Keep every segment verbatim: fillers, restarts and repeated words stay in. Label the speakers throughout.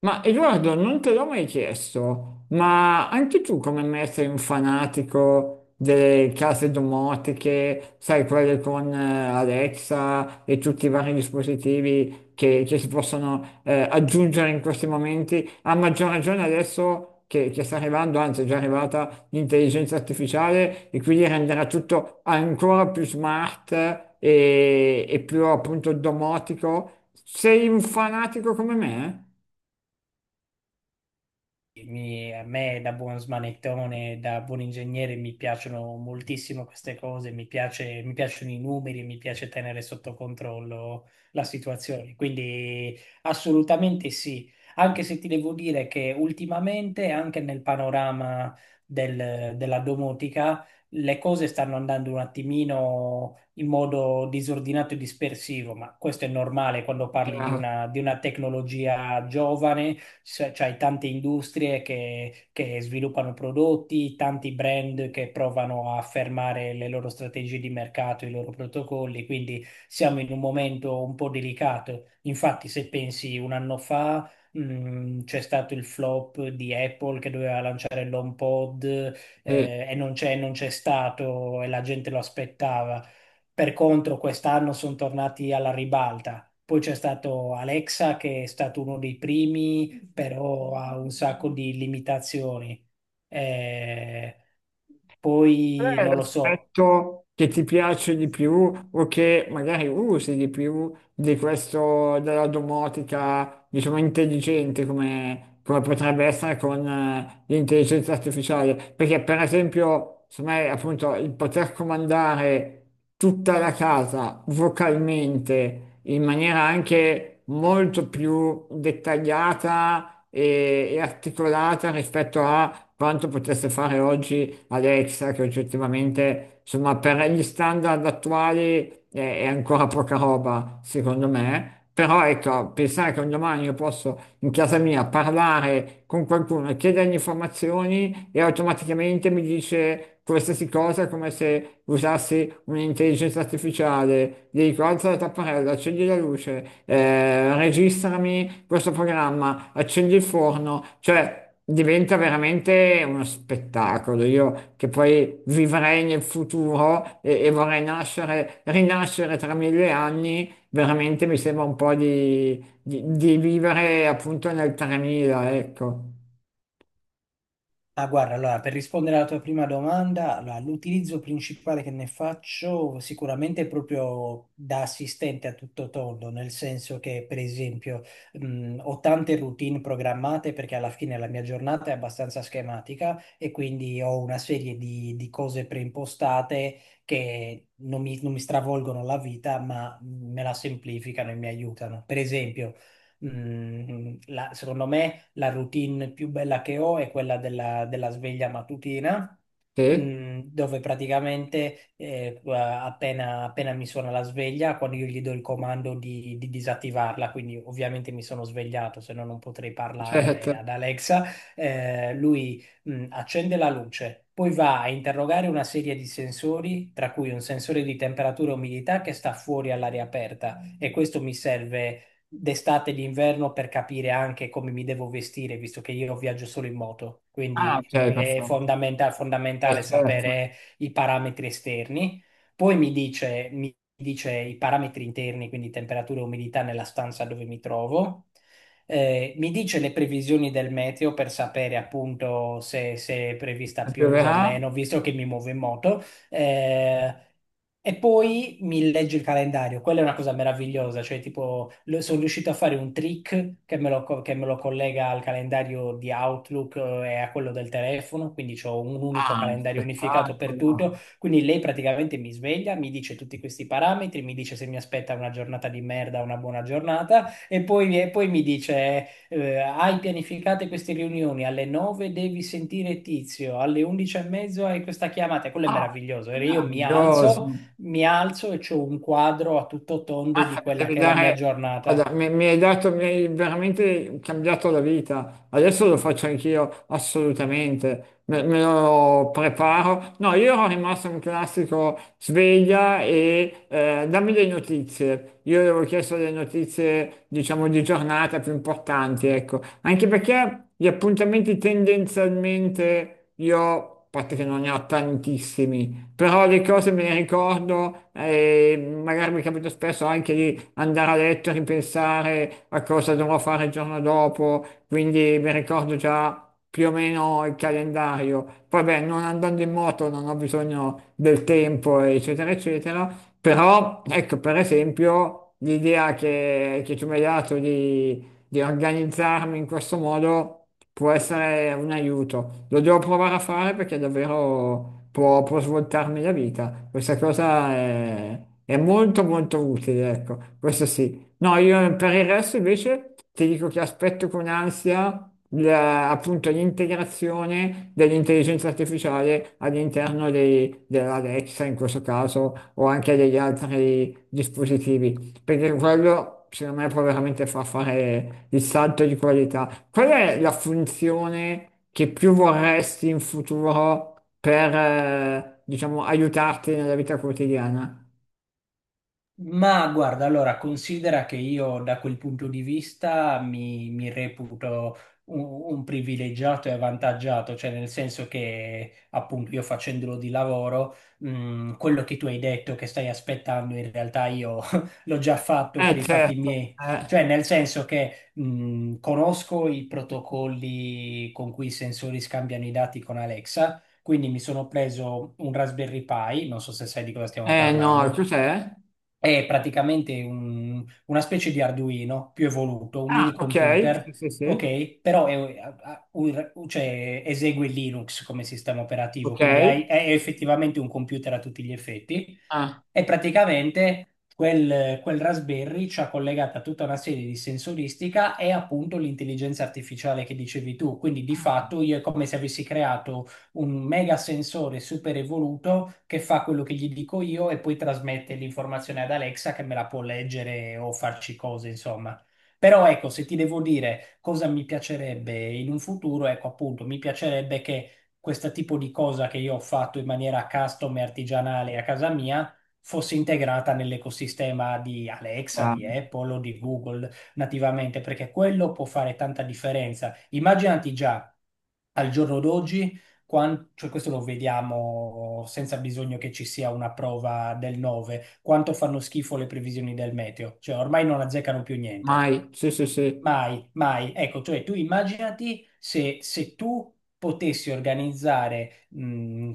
Speaker 1: Ma Edoardo, non te l'ho mai chiesto, ma anche tu come me sei un fanatico delle case domotiche, sai, quelle con eh, Alexa e tutti i vari dispositivi che, che si possono eh, aggiungere in questi momenti, a maggior ragione adesso che, che sta arrivando, anzi è già arrivata l'intelligenza artificiale e quindi renderà tutto ancora più smart e, e più appunto domotico. Sei un fanatico come me, eh?
Speaker 2: mi- A me, da buon smanettone, da buon ingegnere, mi piacciono moltissimo queste cose, mi piace- mi piacciono i numeri, mi piace tenere sotto controllo la situazione. Quindi assolutamente sì, anche se ti devo dire che ultimamente, anche nel panorama del- della domotica, le cose stanno andando un attimino in modo disordinato e dispersivo, ma questo è normale quando parli di
Speaker 1: Chiaro.
Speaker 2: una, di una tecnologia giovane. C'è- c'hai tante industrie che, che sviluppano prodotti, tanti brand che provano a affermare le loro strategie di mercato, i loro protocolli, quindi siamo in un momento un po' delicato. Infatti, se pensi un anno fa. mm, C'è stato il flop di Apple che doveva lanciare l'HomePod,
Speaker 1: Sì.
Speaker 2: eh, e non c'è non c'è stato e la gente lo aspettava. Per contro, quest'anno sono tornati alla ribalta. Poi c'è stato Alexa che è stato uno dei primi, però ha un sacco di limitazioni. Eh,
Speaker 1: Qual
Speaker 2: Poi
Speaker 1: è
Speaker 2: non lo so.
Speaker 1: l'aspetto che ti piace di più o che magari usi di più di questo della domotica, diciamo, intelligente come, come potrebbe essere con eh, l'intelligenza artificiale? Perché, per esempio, secondo me, appunto, il poter comandare tutta la casa vocalmente in maniera anche molto più dettagliata e, e articolata rispetto a quanto potesse fare oggi Alexa, che oggettivamente, insomma, per gli standard attuali è, è ancora poca roba, secondo me. Però ecco, pensare che un domani io posso in casa mia parlare con qualcuno e chiedergli informazioni e automaticamente mi dice qualsiasi cosa, come se usassi un'intelligenza artificiale, gli dico alza la tapparella, accendi la luce, eh, registrami questo programma, accendi il forno, cioè diventa veramente uno spettacolo. Io che poi vivrei nel futuro e, e vorrei nascere, rinascere tra mille anni, veramente mi sembra un po' di, di- di vivere appunto nel tremila, ecco.
Speaker 2: Ah, guarda, allora, per rispondere alla tua prima domanda, allora, l'utilizzo principale che ne faccio sicuramente è proprio da assistente a tutto tondo, nel senso che, per esempio, mh, ho tante routine programmate perché alla fine la mia giornata è abbastanza schematica e quindi ho una serie di, di cose preimpostate che non mi, non mi stravolgono la vita, ma me la semplificano e mi aiutano. Per esempio, mh, la- secondo me la routine più bella che ho è quella della, della sveglia mattutina,
Speaker 1: Sì,
Speaker 2: mm, dove praticamente eh, appena, appena mi suona la sveglia, quando io gli do il comando di, di disattivarla, quindi ovviamente mi sono svegliato, se no non potrei parlare ad
Speaker 1: certo.
Speaker 2: Alexa. Eh, lui mh, accende la luce, poi va a interrogare una serie di sensori, tra cui un sensore di temperatura e umidità che sta fuori all'aria aperta, e questo mi serve d'estate e d'inverno per capire anche come mi devo vestire, visto che io viaggio solo in moto,
Speaker 1: Ah,
Speaker 2: quindi
Speaker 1: ok,
Speaker 2: mm, è
Speaker 1: perfetto.
Speaker 2: fondamenta-
Speaker 1: Eh,
Speaker 2: fondamentale
Speaker 1: certo.
Speaker 2: sapere i parametri esterni. Poi mi dice, mi dice i parametri interni, quindi temperatura e umidità nella stanza dove mi trovo. Eh, mi dice le previsioni del meteo per sapere appunto se, se è prevista pioggia o
Speaker 1: Pioverà?
Speaker 2: meno, visto che mi muovo in moto. Eh, e poi mi legge il calendario, quella è una cosa meravigliosa, cioè tipo lo- sono riuscito a fare un trick che me lo, co- che me lo collega al calendario di Outlook, eh, e a quello del telefono, quindi ho un unico
Speaker 1: Ah,
Speaker 2: calendario unificato per tutto,
Speaker 1: spettacolo.
Speaker 2: quindi lei praticamente mi sveglia, mi dice tutti questi parametri, mi dice se mi aspetta una giornata di merda o una buona giornata, e poi, e poi, mi dice, eh, hai pianificate queste riunioni, alle nove devi sentire Tizio, alle undici e mezzo hai questa chiamata, e quello è
Speaker 1: Ah,
Speaker 2: meraviglioso. E io mi
Speaker 1: meraviglioso.
Speaker 2: alzo, mi alzo e ho un quadro a tutto tondo di
Speaker 1: Mazza, mi
Speaker 2: quella
Speaker 1: devi
Speaker 2: che è la mia
Speaker 1: dare- guarda,
Speaker 2: giornata.
Speaker 1: mi, mi hai dato, mi hai veramente cambiato la vita. Adesso lo faccio anch'io, assolutamente. Me, me lo preparo. No, io ero rimasto un classico sveglia e eh, dammi le notizie. Io gli avevo chiesto le notizie, diciamo, di giornata più importanti, ecco. Anche perché gli appuntamenti tendenzialmente io, a parte che non ne ho tantissimi, però le cose me le ricordo e magari mi capita spesso anche di andare a letto e ripensare a cosa dovrò fare il giorno dopo, quindi mi ricordo già più o meno il calendario. Poi beh, non andando in moto non ho bisogno del tempo, eccetera, eccetera, però ecco, per esempio, l'idea che, che tu mi hai dato di di organizzarmi in questo modo può essere un aiuto. Lo devo provare a fare perché davvero può, può svoltarmi la vita. Questa cosa è, è molto molto utile, ecco, questo sì. No, io per il resto invece ti dico che aspetto con ansia la- appunto l'integrazione dell'intelligenza artificiale all'interno dei- dell'Alexa in questo caso o anche degli altri dispositivi, perché quello secondo me può veramente far fare il salto di qualità. Qual è la funzione che più vorresti in futuro per, eh, diciamo, aiutarti nella vita quotidiana?
Speaker 2: Ma guarda, allora considera che io da quel punto di vista mi, mi reputo un, un privilegiato e avvantaggiato, cioè nel senso che appunto io facendolo di lavoro, mh, quello che tu hai detto che stai aspettando in realtà io l'ho già fatto per
Speaker 1: Eh
Speaker 2: i fatti
Speaker 1: certo,
Speaker 2: miei,
Speaker 1: eh,
Speaker 2: cioè nel senso che mh, conosco i protocolli con cui i sensori scambiano i dati con Alexa, quindi mi sono preso un Raspberry Pi, non so se sai di cosa stiamo
Speaker 1: eh, no,
Speaker 2: parlando.
Speaker 1: cos'è?
Speaker 2: È praticamente un- una specie di Arduino più evoluto, un
Speaker 1: Ah,
Speaker 2: mini
Speaker 1: ok, sì,
Speaker 2: computer,
Speaker 1: sì, sì,
Speaker 2: ok? Però è- ha- ha- un- cioè, esegue Linux come sistema operativo,
Speaker 1: ok,
Speaker 2: quindi hai-
Speaker 1: sì,
Speaker 2: è
Speaker 1: sì.
Speaker 2: effettivamente un computer a tutti gli effetti.
Speaker 1: Ah,
Speaker 2: E praticamente quel, quel Raspberry ci ha collegata tutta una serie di sensoristica e appunto l'intelligenza artificiale che dicevi tu. Quindi di fatto io è come se avessi creato un mega sensore super evoluto che fa quello che gli dico io e poi trasmette l'informazione ad Alexa che me la può leggere o farci cose, insomma. Però ecco, se ti devo dire cosa mi piacerebbe in un futuro, ecco appunto, mi piacerebbe che questo tipo di cosa che io ho fatto in maniera custom e artigianale a casa mia fosse integrata nell'ecosistema di Alexa,
Speaker 1: chiaro.
Speaker 2: di Apple o di Google nativamente, perché quello può fare tanta differenza. Immaginati già al giorno d'oggi, quan- cioè questo lo vediamo senza bisogno che ci sia una prova del nove, quanto fanno schifo le previsioni del meteo, cioè ormai non azzeccano più niente.
Speaker 1: Mai, sì, sì, sì.
Speaker 2: Mai, mai. Ecco, cioè tu immaginati se, se tu potessi organizzare, mh,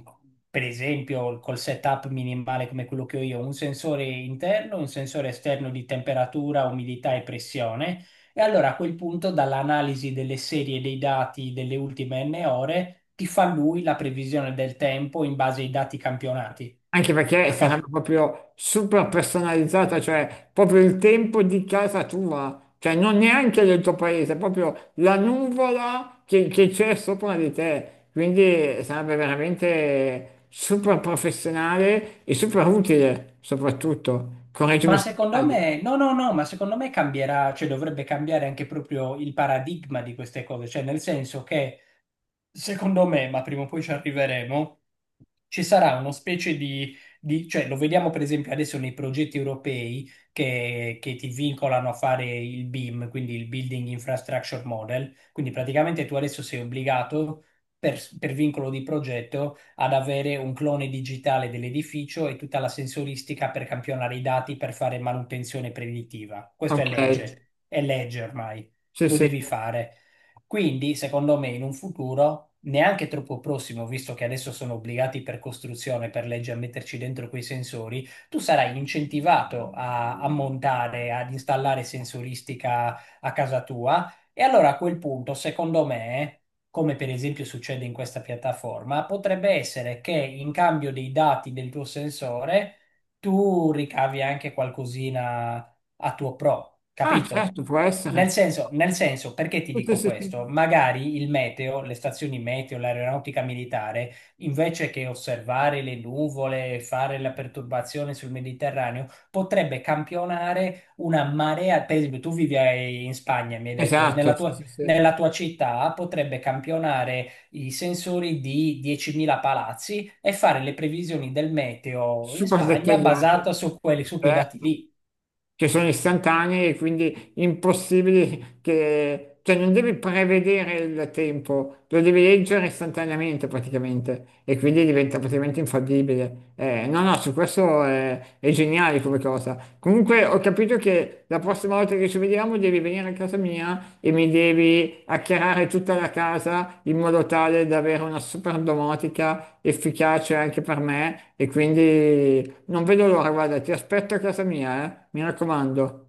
Speaker 2: per esempio, col setup minimale come quello che ho io, un sensore interno, un sensore esterno di temperatura, umidità e pressione, e allora a quel punto dall'analisi delle serie dei dati delle ultime n ore ti fa lui la previsione del tempo in base ai dati campionati.
Speaker 1: Anche perché
Speaker 2: A caso.
Speaker 1: sarebbe proprio super personalizzata, cioè proprio il tempo di casa tua, cioè non neanche del tuo paese, proprio la nuvola che che c'è sopra di te. Quindi sarebbe veramente super professionale e super utile, soprattutto.
Speaker 2: Ma
Speaker 1: Correggimi se
Speaker 2: secondo
Speaker 1: sbaglio.
Speaker 2: me, no, no, no, ma secondo me cambierà, cioè dovrebbe cambiare anche proprio il paradigma di queste cose, cioè nel senso che secondo me, ma prima o poi ci arriveremo, ci sarà una specie di, di- cioè lo vediamo per esempio adesso nei progetti europei che, che ti vincolano a fare il BIM, quindi il Building Infrastructure Model, quindi praticamente tu adesso sei obbligato per, per vincolo di progetto ad avere un clone digitale dell'edificio e tutta la sensoristica per campionare i dati per fare manutenzione preditiva. Questo è
Speaker 1: Ok,
Speaker 2: legge, è legge ormai,
Speaker 1: sì,
Speaker 2: lo
Speaker 1: sì.
Speaker 2: devi fare. Quindi, secondo me, in un futuro neanche troppo prossimo, visto che adesso sono obbligati per costruzione, per legge, a metterci dentro quei sensori, tu sarai incentivato a, a montare, ad installare sensoristica a casa tua. E allora a quel punto, secondo me, come per esempio succede in questa piattaforma, potrebbe essere che in cambio dei dati del tuo sensore tu ricavi anche qualcosina a tuo pro,
Speaker 1: Ah,
Speaker 2: capito?
Speaker 1: certo, può
Speaker 2: Nel
Speaker 1: essere.
Speaker 2: senso, nel senso, perché ti
Speaker 1: Sì, sì,
Speaker 2: dico
Speaker 1: sì,
Speaker 2: questo?
Speaker 1: sì.
Speaker 2: Magari il meteo, le stazioni meteo, l'aeronautica militare, invece che osservare le nuvole e fare la perturbazione sul Mediterraneo, potrebbe campionare una marea. Per esempio, tu vivi ai- in Spagna, mi hai detto, nella
Speaker 1: Esatto, sì,
Speaker 2: tua,
Speaker 1: sì, sì.
Speaker 2: nella tua città potrebbe campionare i sensori di diecimila palazzi e fare le previsioni del meteo in
Speaker 1: Super
Speaker 2: Spagna
Speaker 1: dettagliate.
Speaker 2: basata su quelli, su quei dati
Speaker 1: Certo.
Speaker 2: lì.
Speaker 1: Che sono istantanee e quindi impossibili che... Cioè non devi prevedere il tempo, lo devi leggere istantaneamente praticamente e quindi diventa praticamente infallibile. Eh, no, no, su questo è, è geniale come cosa. Comunque ho capito che la prossima volta che ci vediamo devi venire a casa mia e mi devi acchiarare tutta la casa in modo tale da avere una super domotica efficace anche per me e quindi non vedo l'ora, guarda, ti aspetto a casa mia, eh? Mi raccomando.